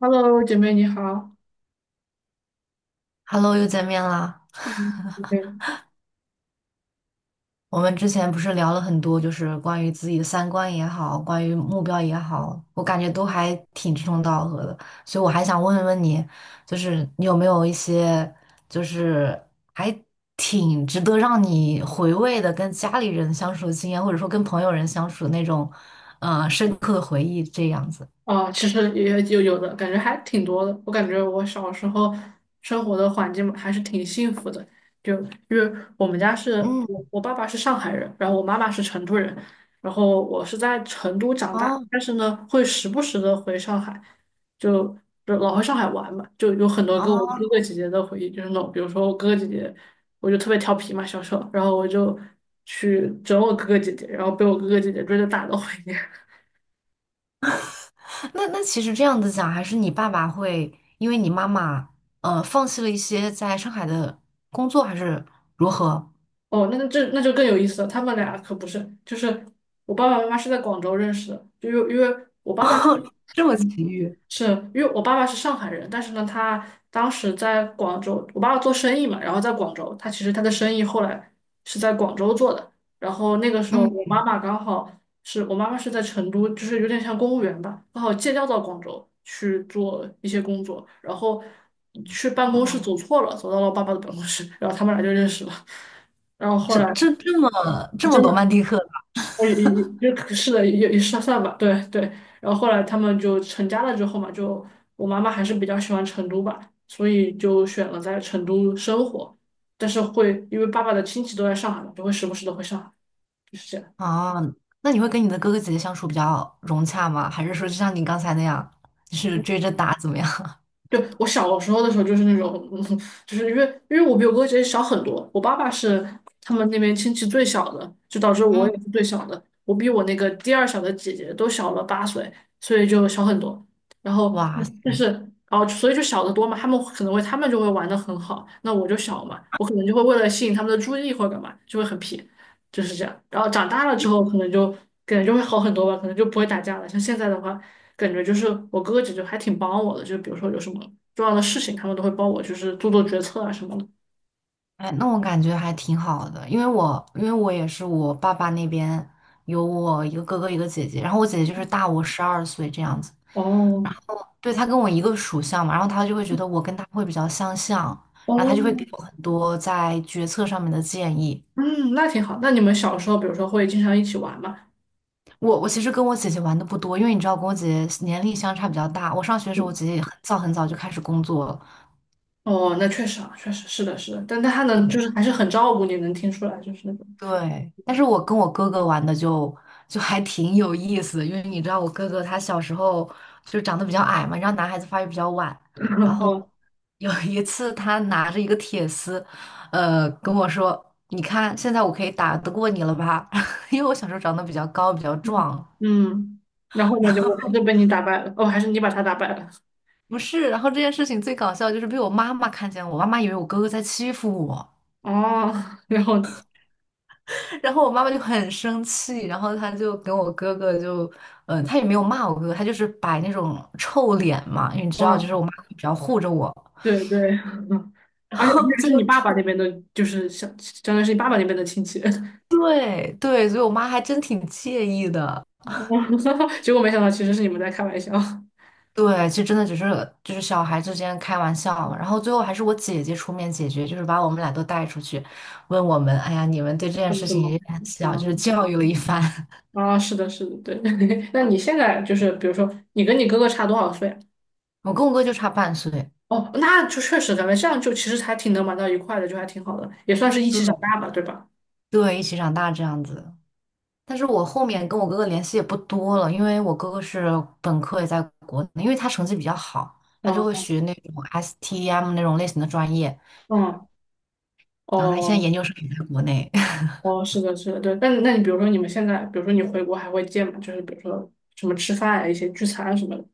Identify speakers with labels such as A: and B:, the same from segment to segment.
A: Hello，姐妹你好。
B: Hello，又见面啦。
A: 嗯，对。
B: 我们之前不是聊了很多，就是关于自己的三观也好，关于目标也好，我感觉都还挺志同道合的。所以我还想问问你，就是你有没有一些，就是还挺值得让你回味的，跟家里人相处的经验，或者说跟朋友人相处的那种，深刻的回忆这样子。
A: 哦，其实也有有的感觉还挺多的。我感觉我小时候生活的环境还是挺幸福的，就因为我们家是
B: 嗯，
A: 我爸爸是上海人，然后我妈妈是成都人，然后我是在成都长大，
B: 哦
A: 但是呢会时不时的回上海，就就老回上海玩嘛，就有很多跟我哥
B: 哦，
A: 哥姐姐的回忆，就是那种比如说我哥哥姐姐，我就特别调皮嘛，小时候，然后我就去整我哥哥姐姐，然后被我哥哥姐姐追着打的回忆。
B: 那其实这样子讲，还是你爸爸会因为你妈妈放弃了一些在上海的工作，还是如何？
A: 哦，那就更有意思了。他们俩可不是，就是我爸爸妈妈是在广州认识的，就因为我爸爸，
B: 这么奇
A: 嗯
B: 遇，
A: 是因为我爸爸是上海人，但是呢，他当时在广州，我爸爸做生意嘛，然后在广州，他其实他的生意后来是在广州做的。然后那个时候，
B: 嗯，
A: 我妈妈刚好是我妈妈是在成都，就是有点像公务员吧，刚好借调到广州去做一些工作，然后去办公室
B: 哦，
A: 走错了，走到了我爸爸的办公室，然后他们俩就认识了。然后后
B: 这
A: 来
B: 这这么这么
A: 真
B: 罗
A: 的。
B: 曼蒂克的。
A: 我也就是的，也算吧，对对。然后后来他们就成家了之后嘛，就我妈妈还是比较喜欢成都吧，所以就选了在成都生活。但是会因为爸爸的亲戚都在上海嘛，就会时不时的回上海，就是这样。
B: 啊？那你会跟你的哥哥姐姐相处比较融洽吗？还是说就像你刚才那样，就是追着打怎么样？
A: 就我小时候的时候，就是那种，就是因为我比我哥姐姐小很多，我爸爸是他们那边亲戚最小的，就导致 我
B: 嗯，
A: 也是最小的，我比我那个第二小的姐姐都小了八岁，所以就小很多。然后
B: 哇塞，
A: 但是，哦，所以就小得多嘛，他们可能会，他们就会玩得很好，那我就小嘛，我可能就会为了吸引他们的注意或者干嘛，就会很皮，就是这样。然后长大了之后，可能就会好很多吧，可能就不会打架了。像现在的话。感觉就是我哥哥姐姐还挺帮我的，就比如说有什么重要的事情，他们都会帮我，就是做做决策啊什么的。
B: 那我感觉还挺好的，因为我也是我爸爸那边有我一个哥哥一个姐姐，然后我姐姐就是大我12岁这样子。
A: 哦
B: 对，他跟我一个属相嘛，然后他就会觉得我跟他会比较相像，然后他
A: 哦，
B: 就会给我很多在决策上面的建议。
A: 嗯，那挺好。那你们小时候，比如说会经常一起玩吗？
B: 我其实跟我姐姐玩的不多，因为你知道，跟我姐姐年龄相差比较大。我上学的时候，我
A: 嗯，
B: 姐姐也很早很早就开始工作了，
A: 哦，那确实啊，确实是的，是的。但他能就
B: 对。
A: 是还是很照顾你，能听出来，就是那种。
B: 对，但是我跟我哥哥玩的就还挺有意思的，因为你知道我哥哥他小时候就长得比较矮嘛，然后男孩子发育比较晚，然 后
A: 嗯
B: 有一次他拿着一个铁丝，跟我说："你看，现在我可以打得过你了吧？" 因为我小时候长得比较高，比较
A: 嗯
B: 壮。
A: 嗯。然后呢，
B: 然
A: 就我还
B: 后
A: 是 被你打败了，哦，还是你把他打败了。
B: 不是，然后这件事情最搞笑就是被我妈妈看见我，我妈妈以为我哥哥在欺负我。
A: 哦，然后，
B: 然后我妈妈就很生气，然后她就跟我哥哥就，她也没有骂我哥哥，她就是摆那种臭脸嘛，因为你知道，就
A: 啊，
B: 是我妈比较护着我，
A: 对对，
B: 然
A: 而且而
B: 后
A: 且
B: 最
A: 是你
B: 后
A: 爸爸那
B: 出，
A: 边的，就是相当于是你爸爸那边的亲戚。
B: 对对，所以我妈还真挺介意的。
A: 结果没想到其实是你们在开玩笑。
B: 对，就真的只是就是小孩之间开玩笑嘛，然后最后还是我姐姐出面解决，就是把我们俩都带出去，问我们，哎呀，你们对这件
A: 他们
B: 事
A: 怎
B: 情
A: 么？
B: 也很
A: 啊
B: 小，就是教育了一番。
A: 啊，是的，是的，对。那你现在就是，比如说，你跟你哥哥差多少岁啊？
B: 我跟我哥就差0.5岁，
A: 哦，那就确实咱们这样就其实还挺能玩到一块的，就还挺好的，也算是一起长
B: 对
A: 大吧，对吧？
B: 对，一起长大这样子。但是我后面跟我哥哥联系也不多了，因为我哥哥是本科也在国内，因为他成绩比较好，他就会
A: 嗯
B: 学那种 STEM 那种类型的专业，
A: 嗯，
B: 然后他现在
A: 哦
B: 研究生也在国内。
A: 哦，是的，是的，对。那你比如说你们现在，比如说你回国还会见吗？就是比如说什么吃饭啊，一些聚餐啊什么的。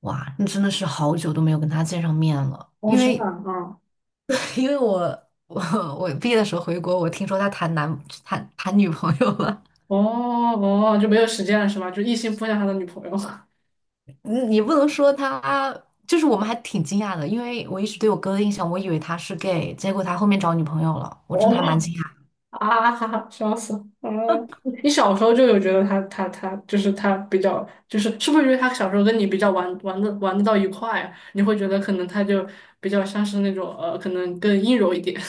B: 哇，那真的是好久都没有跟他见上面了，
A: 哦，
B: 因
A: 真的
B: 为
A: 啊，嗯。
B: 因为我我毕业的时候回国，我听说他谈男谈谈女朋友了，
A: 哦哦，就没有时间了是吗？就一心扑向他的女朋友。
B: 你你不能说他。就是我们还挺惊讶的，因为我一直对我哥的印象，我以为他是 gay,结果他后面找女朋友了，我真的还蛮
A: 哦
B: 惊讶。
A: 啊哈哈，笑死！啊，你小时候就有觉得他就是他比较就是是不是因为他小时候跟你比较玩玩的玩得到一块啊，你会觉得可能他就比较像是那种可能更阴柔一点。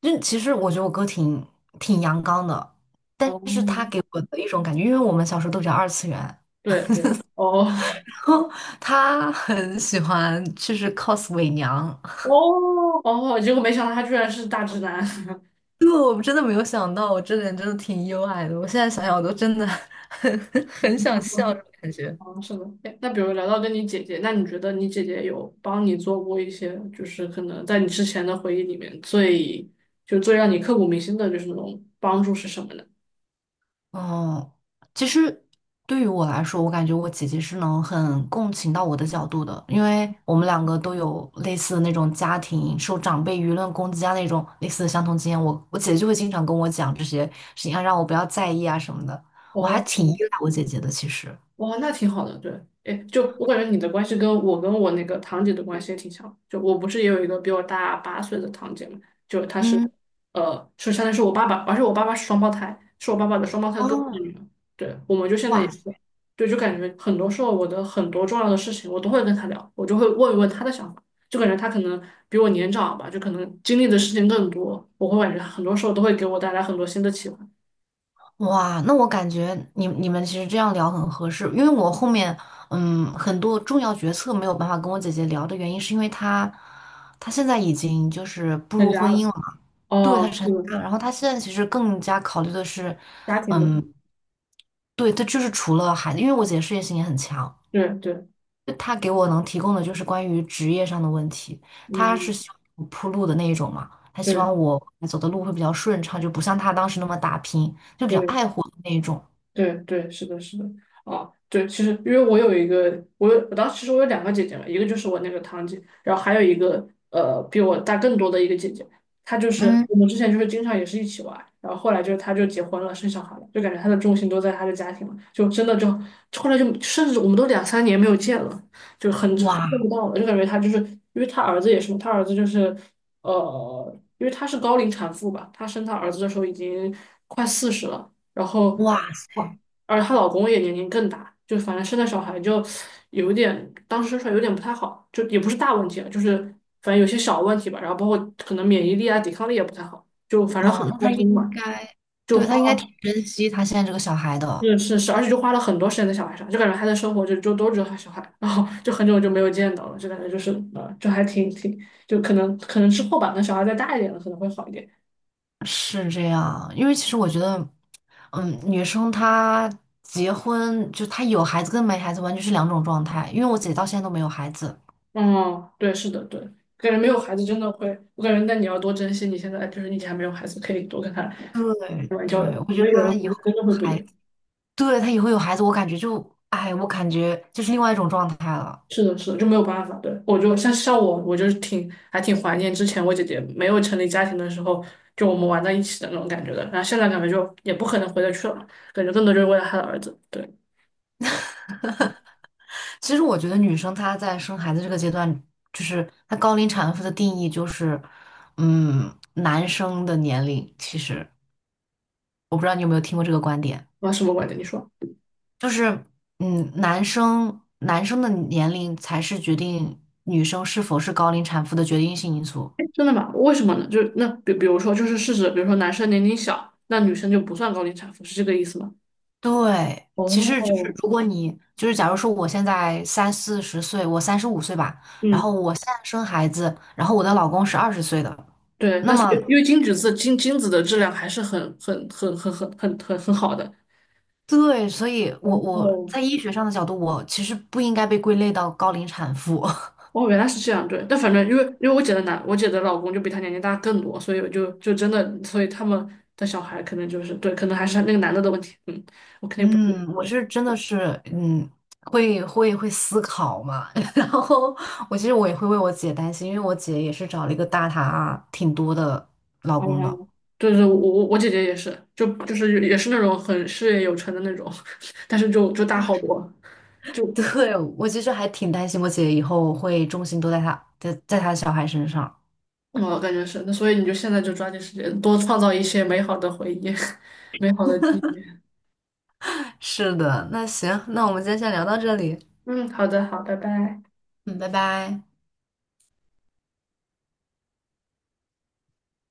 B: 就其实我觉得我哥挺阳刚的，但
A: 哦，
B: 是他给我的一种感觉，因为我们小时候都比较二次元，
A: 对对，哦
B: 然后他很喜欢就是 cos 伪娘，
A: 哦哦，结果没想到他居然是大直男。
B: 因为我真的没有想到，我这点真的挺意外的，我现在想想我都真的很 很想笑，这种感觉。
A: 哦，是的。哎那比如聊到跟你姐姐，那你觉得你姐姐有帮你做过一些，就是可能在你之前的回忆里面最让你刻骨铭心的就是那种帮助是什么呢？
B: 哦，其实对于我来说，我感觉我姐姐是能很共情到我的角度的，因为我们两个都有类似的那种家庭受长辈舆论攻击啊那种类似的相同经验。我我姐姐就会经常跟我讲这些事情啊，让我不要在意啊什么的。我还
A: 哦。
B: 挺依赖我姐姐的，其实。
A: 哇，那挺好的，对。哎，就我感觉你的关系跟我那个堂姐的关系也挺像，就我不是也有一个比我大八岁的堂姐嘛，就她是，
B: 嗯，
A: 是相当于是我爸爸，而且我爸爸是双胞胎，是我爸爸的双胞胎哥哥的
B: 哦，
A: 女儿，对，我们就现在也
B: 哇
A: 是，对，就感觉很多时候我的很多重要的事情我都会跟她聊，我就会问一问她的想法，就感觉她可能比我年长吧，就可能经历的事情更多，我会感觉她很多时候都会给我带来很多新的启发，
B: 哇，那我感觉你你们其实这样聊很合适，因为我后面很多重要决策没有办法跟我姐姐聊的原因，是因为她她现在已经就是步
A: 增
B: 入
A: 加
B: 婚姻
A: 了，
B: 了嘛，对，她
A: 哦，
B: 成
A: 是的
B: 家了，然后她现在其实更加考虑的是，
A: 家庭的，
B: 嗯，对，她就是除了孩子，因为我姐事业心也很强，
A: 对对。
B: 他给我能提供的就是关于职业上的问题，他是
A: 嗯，
B: 希望我铺路的那一种嘛，他希
A: 对
B: 望我走的路会比较顺畅，就不像他当时那么打拼，就比较
A: 对，
B: 爱护的那一种。
A: 对对，是的，是的，啊，对，其实因为我有一个，我有我当时其实我有两个姐姐嘛，一个就是我那个堂姐，然后还有一个比我大更多的一个姐姐，她就是
B: 嗯，
A: 我们之前就是经常也是一起玩，然后后来就是她就结婚了，生小孩了，就感觉她的重心都在她的家庭嘛，就真的就后来就甚至我们都两三年没有见了，就很见
B: 哇
A: 不到了，就感觉她就是因为她儿子也是嘛，她儿子就是因为她是高龄产妇吧，她生她儿子的时候已经快40了。然后
B: 哇
A: 哇，
B: 塞，
A: 而她老公也年龄更大，就反正生的小孩就有点，当时生出来有点不太好，就也不是大问题了，就是反正有些小问题吧，然后包括可能免疫力啊、抵抗力也不太好，就反正很
B: 哦，那
A: 糟
B: 他应
A: 心嘛，
B: 该，
A: 就
B: 对，
A: 花
B: 他应该挺
A: 了，
B: 珍惜他现在这个小孩的，
A: 就是是，而且就花了很多时间在小孩上，就感觉她的生活就都只有她小孩，然后就很久就没有见到了，就感觉就是就还挺，就可能之后吧，那小孩再大一点了，可能会好一点。
B: 是这样，因为其实我觉得，嗯，女生她结婚就她有孩子跟没孩子完全是两种状态，因为我姐到现在都没有孩子，
A: 嗯，对，是的，对，感觉没有孩子真的会，我感觉那你要多珍惜你现在，就是你以前还没有孩子，可以多跟他
B: 对
A: 玩交流
B: 对，
A: 的。
B: 我
A: 我觉
B: 觉
A: 得
B: 得
A: 有了
B: 她
A: 孩
B: 以后。
A: 子真的会不一
B: 还。
A: 样。
B: 对，他以后有孩子，我感觉就，哎，我感觉就是另外一种状态了。
A: 是的，是的，就没有办法。对，我就像我，我就是还挺怀念之前我姐姐没有成立家庭的时候，就我们玩在一起的那种感觉的。然后现在感觉就也不可能回得去了嘛，感觉更多就是为了他的儿子。对，
B: 其实我觉得女生她在生孩子这个阶段，就是她高龄产妇的定义就是，嗯，男生的年龄。其实我不知道你有没有听过这个观点，
A: 我什么观点？你说？
B: 就是，嗯，男生的年龄才是决定女生是否是高龄产妇的决定性因素。
A: 哎，真的吗？为什么呢？就是那比如说，就是事实，比如说男生年龄小，那女生就不算高龄产妇，是这个意思吗？
B: 对，其实就是
A: 哦，
B: 如果你就是，假如说我现在三四十岁，我35岁吧，然后
A: 嗯，
B: 我现在生孩子，然后我的老公是20岁的，
A: 对，
B: 那
A: 那是
B: 么
A: 因为金子的质量还是很好的。
B: 对，所以我我
A: 哦，
B: 在医学上的角度，我其实不应该被归类到高龄产妇。
A: 哦，原来是这样，对。但反正因为我姐的男，我姐的老公就比她年龄大更多，所以我就真的，所以他们的小孩可能就是对，可能还是那个男的的问题。嗯，我肯 定不是
B: 嗯，我
A: 对。
B: 是真的是嗯，会思考嘛，然后我其实我也会为我姐担心，因为我姐也是找了一个大她挺多的老
A: 哦，
B: 公的。
A: 对对，我姐姐也是，就是也是那种很事业有成的那种，但是就大好多。就。
B: 对，我其实还挺担心我姐以后会重心都在她小孩身上。
A: 我感觉是，那所以你就现在就抓紧时间多创造一些美好的回忆，美好的记忆。
B: 是的，那行，那我们今天先聊到这里，
A: 嗯，好的，好，拜拜。
B: 嗯，拜拜。